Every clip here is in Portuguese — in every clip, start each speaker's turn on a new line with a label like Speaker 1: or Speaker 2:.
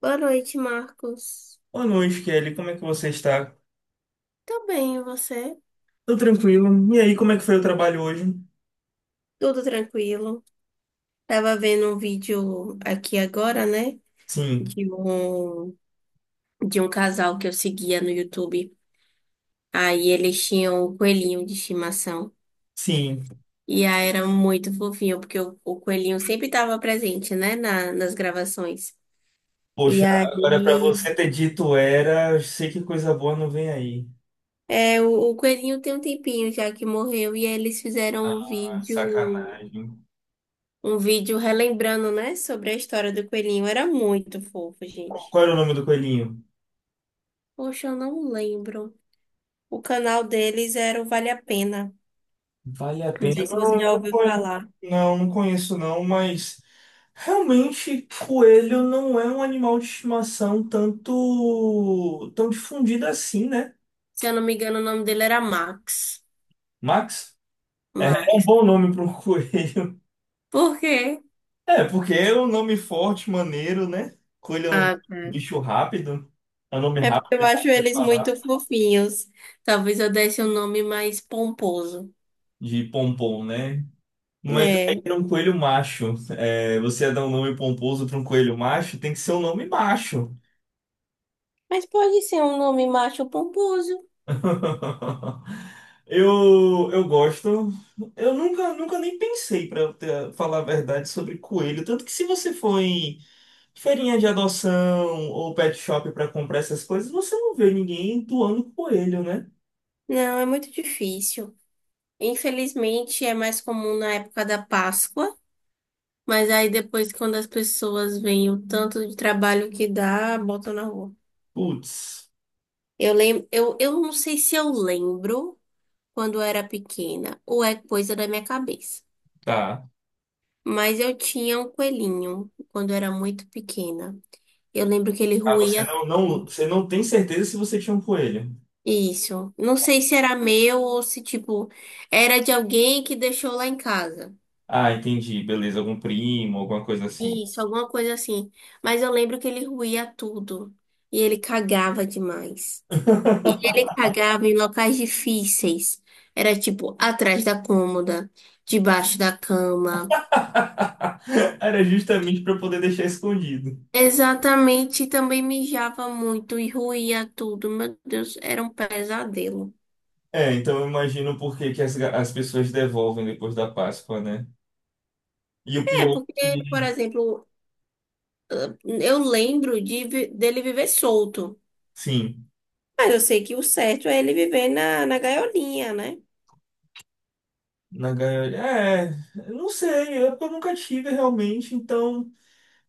Speaker 1: Boa noite, Marcos.
Speaker 2: Boa noite, Kelly. Como é que você está?
Speaker 1: Tô bem, e você?
Speaker 2: Tô tranquilo. E aí, como é que foi o trabalho hoje?
Speaker 1: Tudo tranquilo. Tava vendo um vídeo aqui agora, né?
Speaker 2: Sim,
Speaker 1: De um, de um casal que eu seguia no YouTube. Aí eles tinham o coelhinho de estimação.
Speaker 2: sim.
Speaker 1: E aí era muito fofinho, porque o coelhinho sempre estava presente, né? Nas gravações. E
Speaker 2: Poxa,
Speaker 1: aí,
Speaker 2: agora pra você ter dito era, eu sei que coisa boa não vem aí.
Speaker 1: o coelhinho tem um tempinho já que morreu. E aí eles fizeram um
Speaker 2: Ah,
Speaker 1: vídeo.
Speaker 2: sacanagem.
Speaker 1: um vídeo relembrando, né, sobre a história do coelhinho. Era muito fofo,
Speaker 2: Qual
Speaker 1: gente.
Speaker 2: qual era o nome do coelhinho?
Speaker 1: Poxa, eu não lembro. O canal deles era o Vale a Pena.
Speaker 2: Vale a
Speaker 1: Não
Speaker 2: pena.
Speaker 1: sei se
Speaker 2: Não,
Speaker 1: você
Speaker 2: eu
Speaker 1: já
Speaker 2: não
Speaker 1: ouviu
Speaker 2: conheço.
Speaker 1: falar.
Speaker 2: Não, não conheço não, mas realmente coelho não é um animal de estimação tanto tão difundido assim, né?
Speaker 1: Se eu não me engano, o nome dele era Max.
Speaker 2: Max? É, é um
Speaker 1: Max.
Speaker 2: bom nome para um coelho.
Speaker 1: Por quê?
Speaker 2: É, porque é um nome forte, maneiro, né? Coelho é um
Speaker 1: Ah, tá.
Speaker 2: bicho rápido. É um nome
Speaker 1: É porque eu
Speaker 2: rápido
Speaker 1: acho
Speaker 2: de
Speaker 1: eles muito
Speaker 2: falar.
Speaker 1: fofinhos. Talvez eu desse um nome mais pomposo.
Speaker 2: De pompom, né? Mas
Speaker 1: É.
Speaker 2: aí era um coelho macho. É, você ia dar um nome pomposo para um coelho macho, tem que ser um nome macho.
Speaker 1: Mas pode ser um nome macho pomposo.
Speaker 2: Eu gosto. Eu nunca nem pensei, para falar a verdade, sobre coelho. Tanto que se você for em feirinha de adoção ou pet shop para comprar essas coisas, você não vê ninguém doando coelho, né?
Speaker 1: Não, é muito difícil. Infelizmente, é mais comum na época da Páscoa. Mas aí depois, quando as pessoas veem o tanto de trabalho que dá, botam na rua.
Speaker 2: Putz.
Speaker 1: Eu lembro, eu não sei se eu lembro quando eu era pequena, ou é coisa da minha cabeça.
Speaker 2: Tá.
Speaker 1: Mas eu tinha um coelhinho quando eu era muito pequena. Eu lembro que ele
Speaker 2: Ah, você
Speaker 1: ruía
Speaker 2: não, você não tem certeza se você tinha um coelho.
Speaker 1: isso. Não sei se era meu ou se, tipo, era de alguém que deixou lá em casa.
Speaker 2: Ah, entendi. Beleza, algum primo, alguma coisa assim.
Speaker 1: Isso, alguma coisa assim. Mas eu lembro que ele ruía tudo. E ele cagava demais. E ele cagava em locais difíceis. Era tipo atrás da cômoda, debaixo da cama.
Speaker 2: Era justamente para poder deixar escondido.
Speaker 1: Exatamente, e também mijava muito e ruía tudo. Meu Deus, era um pesadelo.
Speaker 2: É, então eu imagino por que que as pessoas devolvem depois da Páscoa, né? E o
Speaker 1: É,
Speaker 2: pior é
Speaker 1: porque, por
Speaker 2: que,
Speaker 1: exemplo, eu lembro dele viver solto.
Speaker 2: sim,
Speaker 1: Mas eu sei que o certo é ele viver na gaiolinha, né?
Speaker 2: na gaiola. É, eu não sei, é porque eu nunca tive realmente. Então,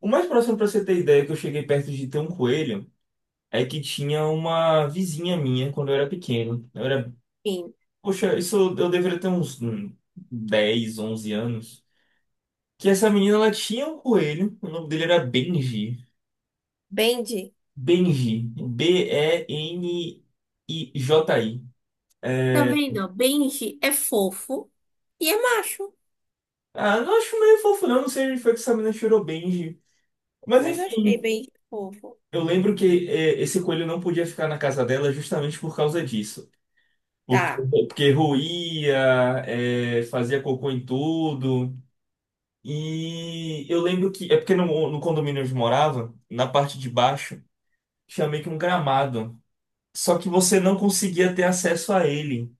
Speaker 2: o mais próximo para você ter ideia que eu cheguei perto de ter um coelho é que tinha uma vizinha minha quando eu era pequeno. Eu era.
Speaker 1: Enfim,
Speaker 2: Poxa, isso eu deveria ter uns 10, 11 anos. Que essa menina, ela tinha um coelho. O nome dele era Benji.
Speaker 1: Benji.
Speaker 2: Benji. B-E-N-I-J-I.
Speaker 1: Tá
Speaker 2: É.
Speaker 1: vendo? Ó? Benji é fofo e é macho.
Speaker 2: Ah, não acho meio fofo, não. Não sei onde foi que essa menina tirou Benji. Mas
Speaker 1: Mas eu achei
Speaker 2: enfim,
Speaker 1: Benji fofo.
Speaker 2: eu lembro que é, esse coelho não podia ficar na casa dela justamente por causa disso. Porque,
Speaker 1: Tá.
Speaker 2: porque roía, é, fazia cocô em tudo. E eu lembro que, é porque no condomínio onde eu morava, na parte de baixo, tinha meio que um gramado. Só que você não conseguia ter acesso a ele.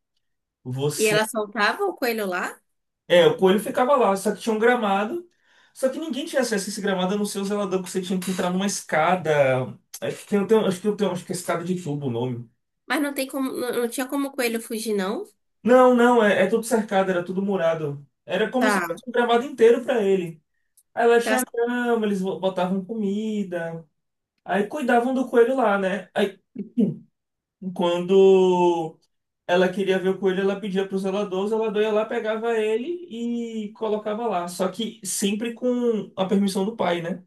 Speaker 1: E
Speaker 2: Você.
Speaker 1: ela soltava o coelho lá?
Speaker 2: É, o coelho ficava lá, só que tinha um gramado. Só que ninguém tinha acesso a esse gramado, a não ser o zelador, porque você tinha que entrar numa escada. Acho que acho que eu tenho, acho que é escada de tubo o nome.
Speaker 1: Mas não tem como, não tinha como o coelho fugir, não?
Speaker 2: Não, é, é tudo cercado, era tudo murado. Era como se
Speaker 1: Tá,
Speaker 2: fosse um gramado inteiro pra ele. Aí lá
Speaker 1: tá.
Speaker 2: tinha cama eles botavam comida. Aí cuidavam do coelho lá, né? Aí quando ela queria ver o coelho, ela pedia pro zelador, o zelador ia lá, pegava ele e colocava lá. Só que sempre com a permissão do pai, né?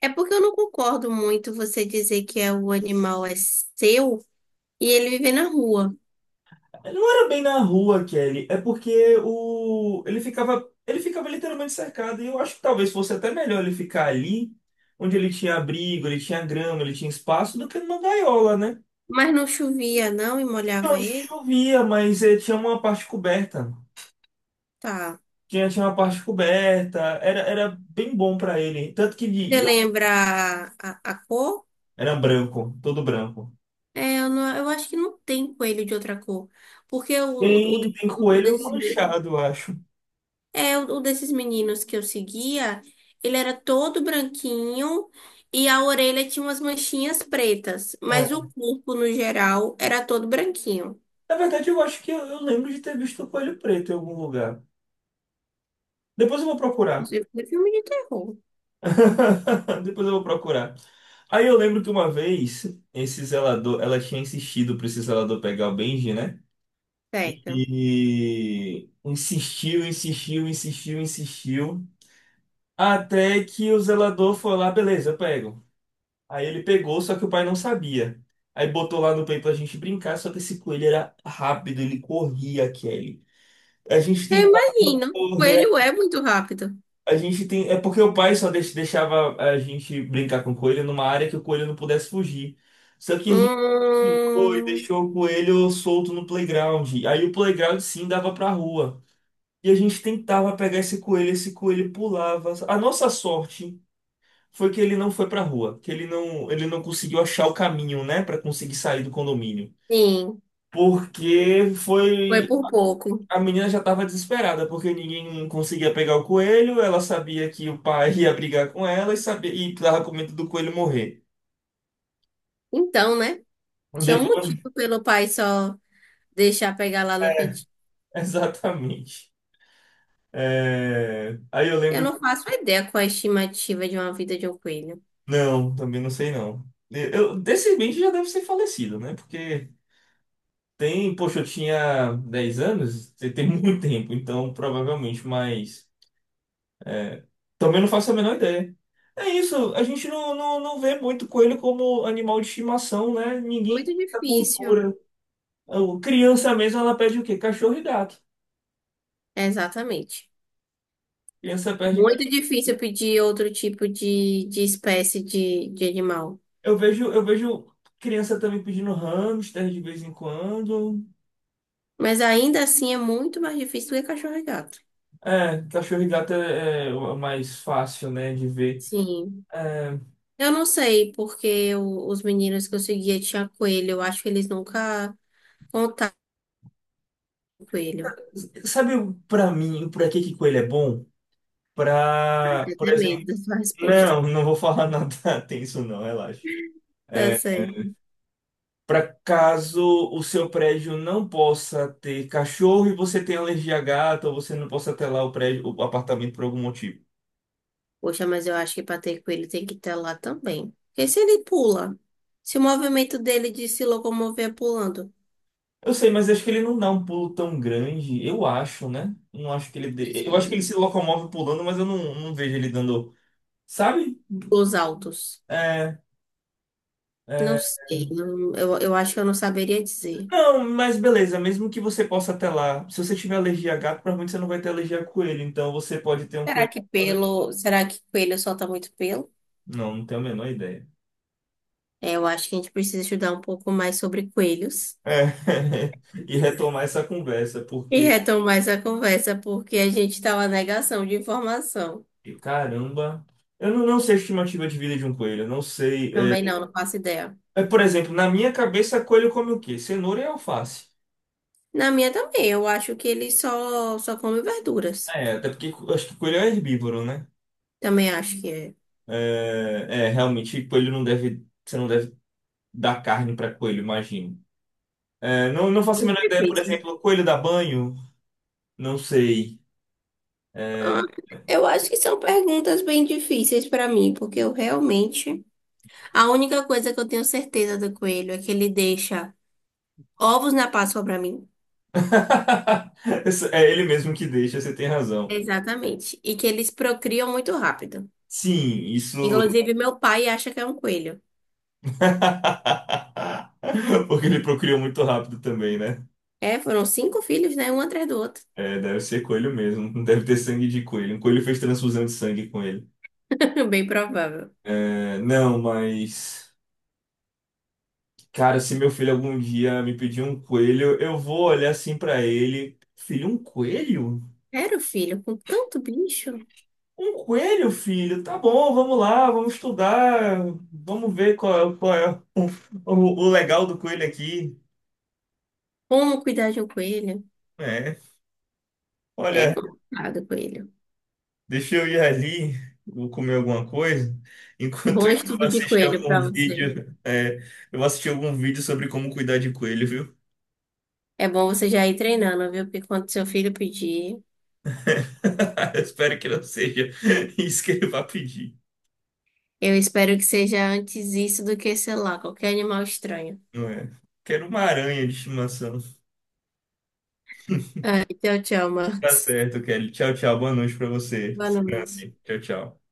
Speaker 1: É porque eu não concordo muito você dizer que o animal é seu e ele vive na rua.
Speaker 2: Não era bem na rua, Kelly, é porque o ele ficava literalmente cercado e eu acho que talvez fosse até melhor ele ficar ali, onde ele tinha abrigo, ele tinha grama, ele tinha espaço, do que numa gaiola, né?
Speaker 1: Mas não chovia, não, e molhava
Speaker 2: Não
Speaker 1: ele?
Speaker 2: chovia, mas tinha uma parte coberta.
Speaker 1: Tá.
Speaker 2: Tinha uma parte coberta, era, era bem bom pra ele. Tanto que
Speaker 1: Você
Speaker 2: ele- eu-
Speaker 1: lembra a cor?
Speaker 2: era branco, todo branco.
Speaker 1: É, eu acho que não tem coelho de outra cor. Porque o, o,
Speaker 2: Tem
Speaker 1: o,
Speaker 2: coelho manchado, eu acho.
Speaker 1: É, um desses meninos que eu seguia, ele era todo branquinho e a orelha tinha umas manchinhas pretas, mas
Speaker 2: É.
Speaker 1: o corpo, no geral, era todo branquinho.
Speaker 2: Na verdade, eu acho que eu lembro de ter visto coelho preto em algum lugar. Depois eu vou procurar.
Speaker 1: Inclusive, foi filme de terror,
Speaker 2: Depois eu vou procurar. Aí eu lembro que uma vez, esse zelador, ela tinha insistido para esse zelador pegar o Benji, né?
Speaker 1: certo?
Speaker 2: E insistiu. Até que o zelador foi lá, beleza, eu pego. Aí ele pegou, só que o pai não sabia. Aí botou lá no play pra gente brincar, só que esse coelho era rápido, ele corria, Kelly. A gente
Speaker 1: Eu
Speaker 2: tentou
Speaker 1: imagino, o
Speaker 2: correr,
Speaker 1: coelho é muito rápido.
Speaker 2: a gente tem. É porque o pai só deixava a gente brincar com o coelho numa área que o coelho não pudesse fugir. Só que a gente ficou e
Speaker 1: Hum,
Speaker 2: deixou o coelho solto no playground. Aí o playground sim dava pra rua. E a gente tentava pegar esse coelho pulava. A nossa sorte foi que ele não foi pra rua, que ele não conseguiu achar o caminho, né, pra conseguir sair do condomínio.
Speaker 1: sim,
Speaker 2: Porque
Speaker 1: foi
Speaker 2: foi,
Speaker 1: por pouco.
Speaker 2: a menina já tava desesperada, porque ninguém conseguia pegar o coelho, ela sabia que o pai ia brigar com ela e sabia e tava com medo do coelho morrer.
Speaker 1: Então, né? Tinha um
Speaker 2: Depois,
Speaker 1: motivo pelo pai só deixar pegar lá no cantinho.
Speaker 2: exatamente. É, aí eu
Speaker 1: Eu
Speaker 2: lembro,
Speaker 1: não faço ideia qual é a estimativa de uma vida de um coelho.
Speaker 2: não, também não sei não. Eu, desse bem já deve ser falecido, né? Porque tem, poxa, eu tinha 10 anos, tem muito tempo, então provavelmente mais. É, também não faço a menor ideia. É isso, a gente não vê muito coelho como animal de estimação, né? Ninguém
Speaker 1: Muito
Speaker 2: tem essa
Speaker 1: difícil.
Speaker 2: cultura. O- Criança mesmo, ela pede o quê? Cachorro e gato.
Speaker 1: Exatamente.
Speaker 2: Criança pede cachorro.
Speaker 1: Muito difícil pedir outro tipo de espécie de animal.
Speaker 2: Eu vejo criança também pedindo hamster de vez em quando.
Speaker 1: Mas ainda assim é muito mais difícil do que cachorro e gato.
Speaker 2: É, cachorro e gato é, é o mais fácil, né, de ver.
Speaker 1: Sim.
Speaker 2: É,
Speaker 1: Eu não sei, porque os meninos que eu seguia tinha coelho. Eu acho que eles nunca contaram com coelho.
Speaker 2: sabe, pra mim, pra que que coelho é bom? Pra,
Speaker 1: Eu
Speaker 2: por
Speaker 1: tenho
Speaker 2: exemplo,
Speaker 1: medo da sua resposta.
Speaker 2: não, não vou falar nada tenso, não, relaxa.
Speaker 1: É.
Speaker 2: É, para caso o seu prédio não possa ter cachorro e você tenha alergia a gato, ou você não possa ter lá o prédio, o apartamento por algum motivo.
Speaker 1: Poxa, mas eu acho que para ter coelho tem que estar lá também. Porque se ele pula, se o movimento dele de se locomover é pulando,
Speaker 2: Eu sei, mas acho que ele não dá um pulo tão grande, eu acho, né? Não acho que ele dê. Eu
Speaker 1: sei.
Speaker 2: acho que
Speaker 1: Né?
Speaker 2: ele se locomove pulando, mas eu não vejo ele dando. Sabe?
Speaker 1: Os altos.
Speaker 2: É,
Speaker 1: Não
Speaker 2: é.
Speaker 1: sei. Eu acho que eu não saberia dizer.
Speaker 2: Não, mas beleza, mesmo que você possa ter lá se você tiver alergia a gato, provavelmente você não vai ter alergia a coelho, então você pode ter um
Speaker 1: Será
Speaker 2: coelho.
Speaker 1: que pelo. Será que coelho solta muito pelo?
Speaker 2: Não, não tenho a menor ideia.
Speaker 1: É, eu acho que a gente precisa estudar um pouco mais sobre coelhos
Speaker 2: É. E retomar essa conversa,
Speaker 1: e
Speaker 2: porque
Speaker 1: retomar essa conversa, porque a gente está na negação de informação.
Speaker 2: E, caramba. Eu não sei a estimativa de vida de um coelho. Eu não sei.
Speaker 1: Também não faço ideia.
Speaker 2: É, é, por exemplo, na minha cabeça, coelho come o quê? Cenoura e alface.
Speaker 1: Na minha também, eu acho que ele só come verduras.
Speaker 2: É, até porque acho que coelho é herbívoro, né?
Speaker 1: Também acho que é.
Speaker 2: É, é, realmente, coelho não deve. Você não deve dar carne para coelho, imagino. É, não, não faço a
Speaker 1: Muito
Speaker 2: menor ideia, por
Speaker 1: difícil.
Speaker 2: exemplo, coelho dá banho? Não sei. É.
Speaker 1: Ah, eu acho que são perguntas bem difíceis para mim, porque eu realmente. A única coisa que eu tenho certeza do coelho é que ele deixa ovos na Páscoa para mim.
Speaker 2: Isso é ele mesmo que deixa, você tem razão.
Speaker 1: Exatamente. E que eles procriam muito rápido.
Speaker 2: Sim, isso.
Speaker 1: Inclusive, meu pai acha que é um coelho.
Speaker 2: Porque ele procriou muito rápido também, né?
Speaker 1: É, foram cinco filhos, né? Um atrás do outro.
Speaker 2: É, deve ser coelho mesmo. Não deve ter sangue de coelho. Um coelho fez transfusão de sangue com ele.
Speaker 1: Bem provável.
Speaker 2: É, não, mas. Cara, se meu filho algum dia me pedir um coelho, eu vou olhar assim pra ele. Filho, um coelho?
Speaker 1: Era o filho, com tanto bicho.
Speaker 2: Um coelho, filho? Tá bom, vamos lá, vamos estudar. Vamos ver qual é o, o, o legal do coelho aqui.
Speaker 1: Como cuidar de um coelho?
Speaker 2: É.
Speaker 1: É
Speaker 2: Olha.
Speaker 1: complicado, coelho.
Speaker 2: Deixa eu ir ali, vou comer alguma coisa. Enquanto
Speaker 1: Bom
Speaker 2: isso, eu vou
Speaker 1: estudo de
Speaker 2: assistir
Speaker 1: coelho
Speaker 2: algum
Speaker 1: para você.
Speaker 2: vídeo. É, eu vou assistir algum vídeo sobre como cuidar de coelho, viu?
Speaker 1: É bom você já ir treinando, viu? Porque quando seu filho pedir,
Speaker 2: Eu espero que não seja isso que ele vai pedir.
Speaker 1: eu espero que seja antes isso do que, sei lá, qualquer animal estranho.
Speaker 2: Não é? Quero uma aranha de estimação.
Speaker 1: Tchau, tchau,
Speaker 2: Tá
Speaker 1: Marcos.
Speaker 2: certo, Kelly. Tchau, tchau. Boa noite pra você.
Speaker 1: Boa noite.
Speaker 2: Descanse. Tchau, tchau.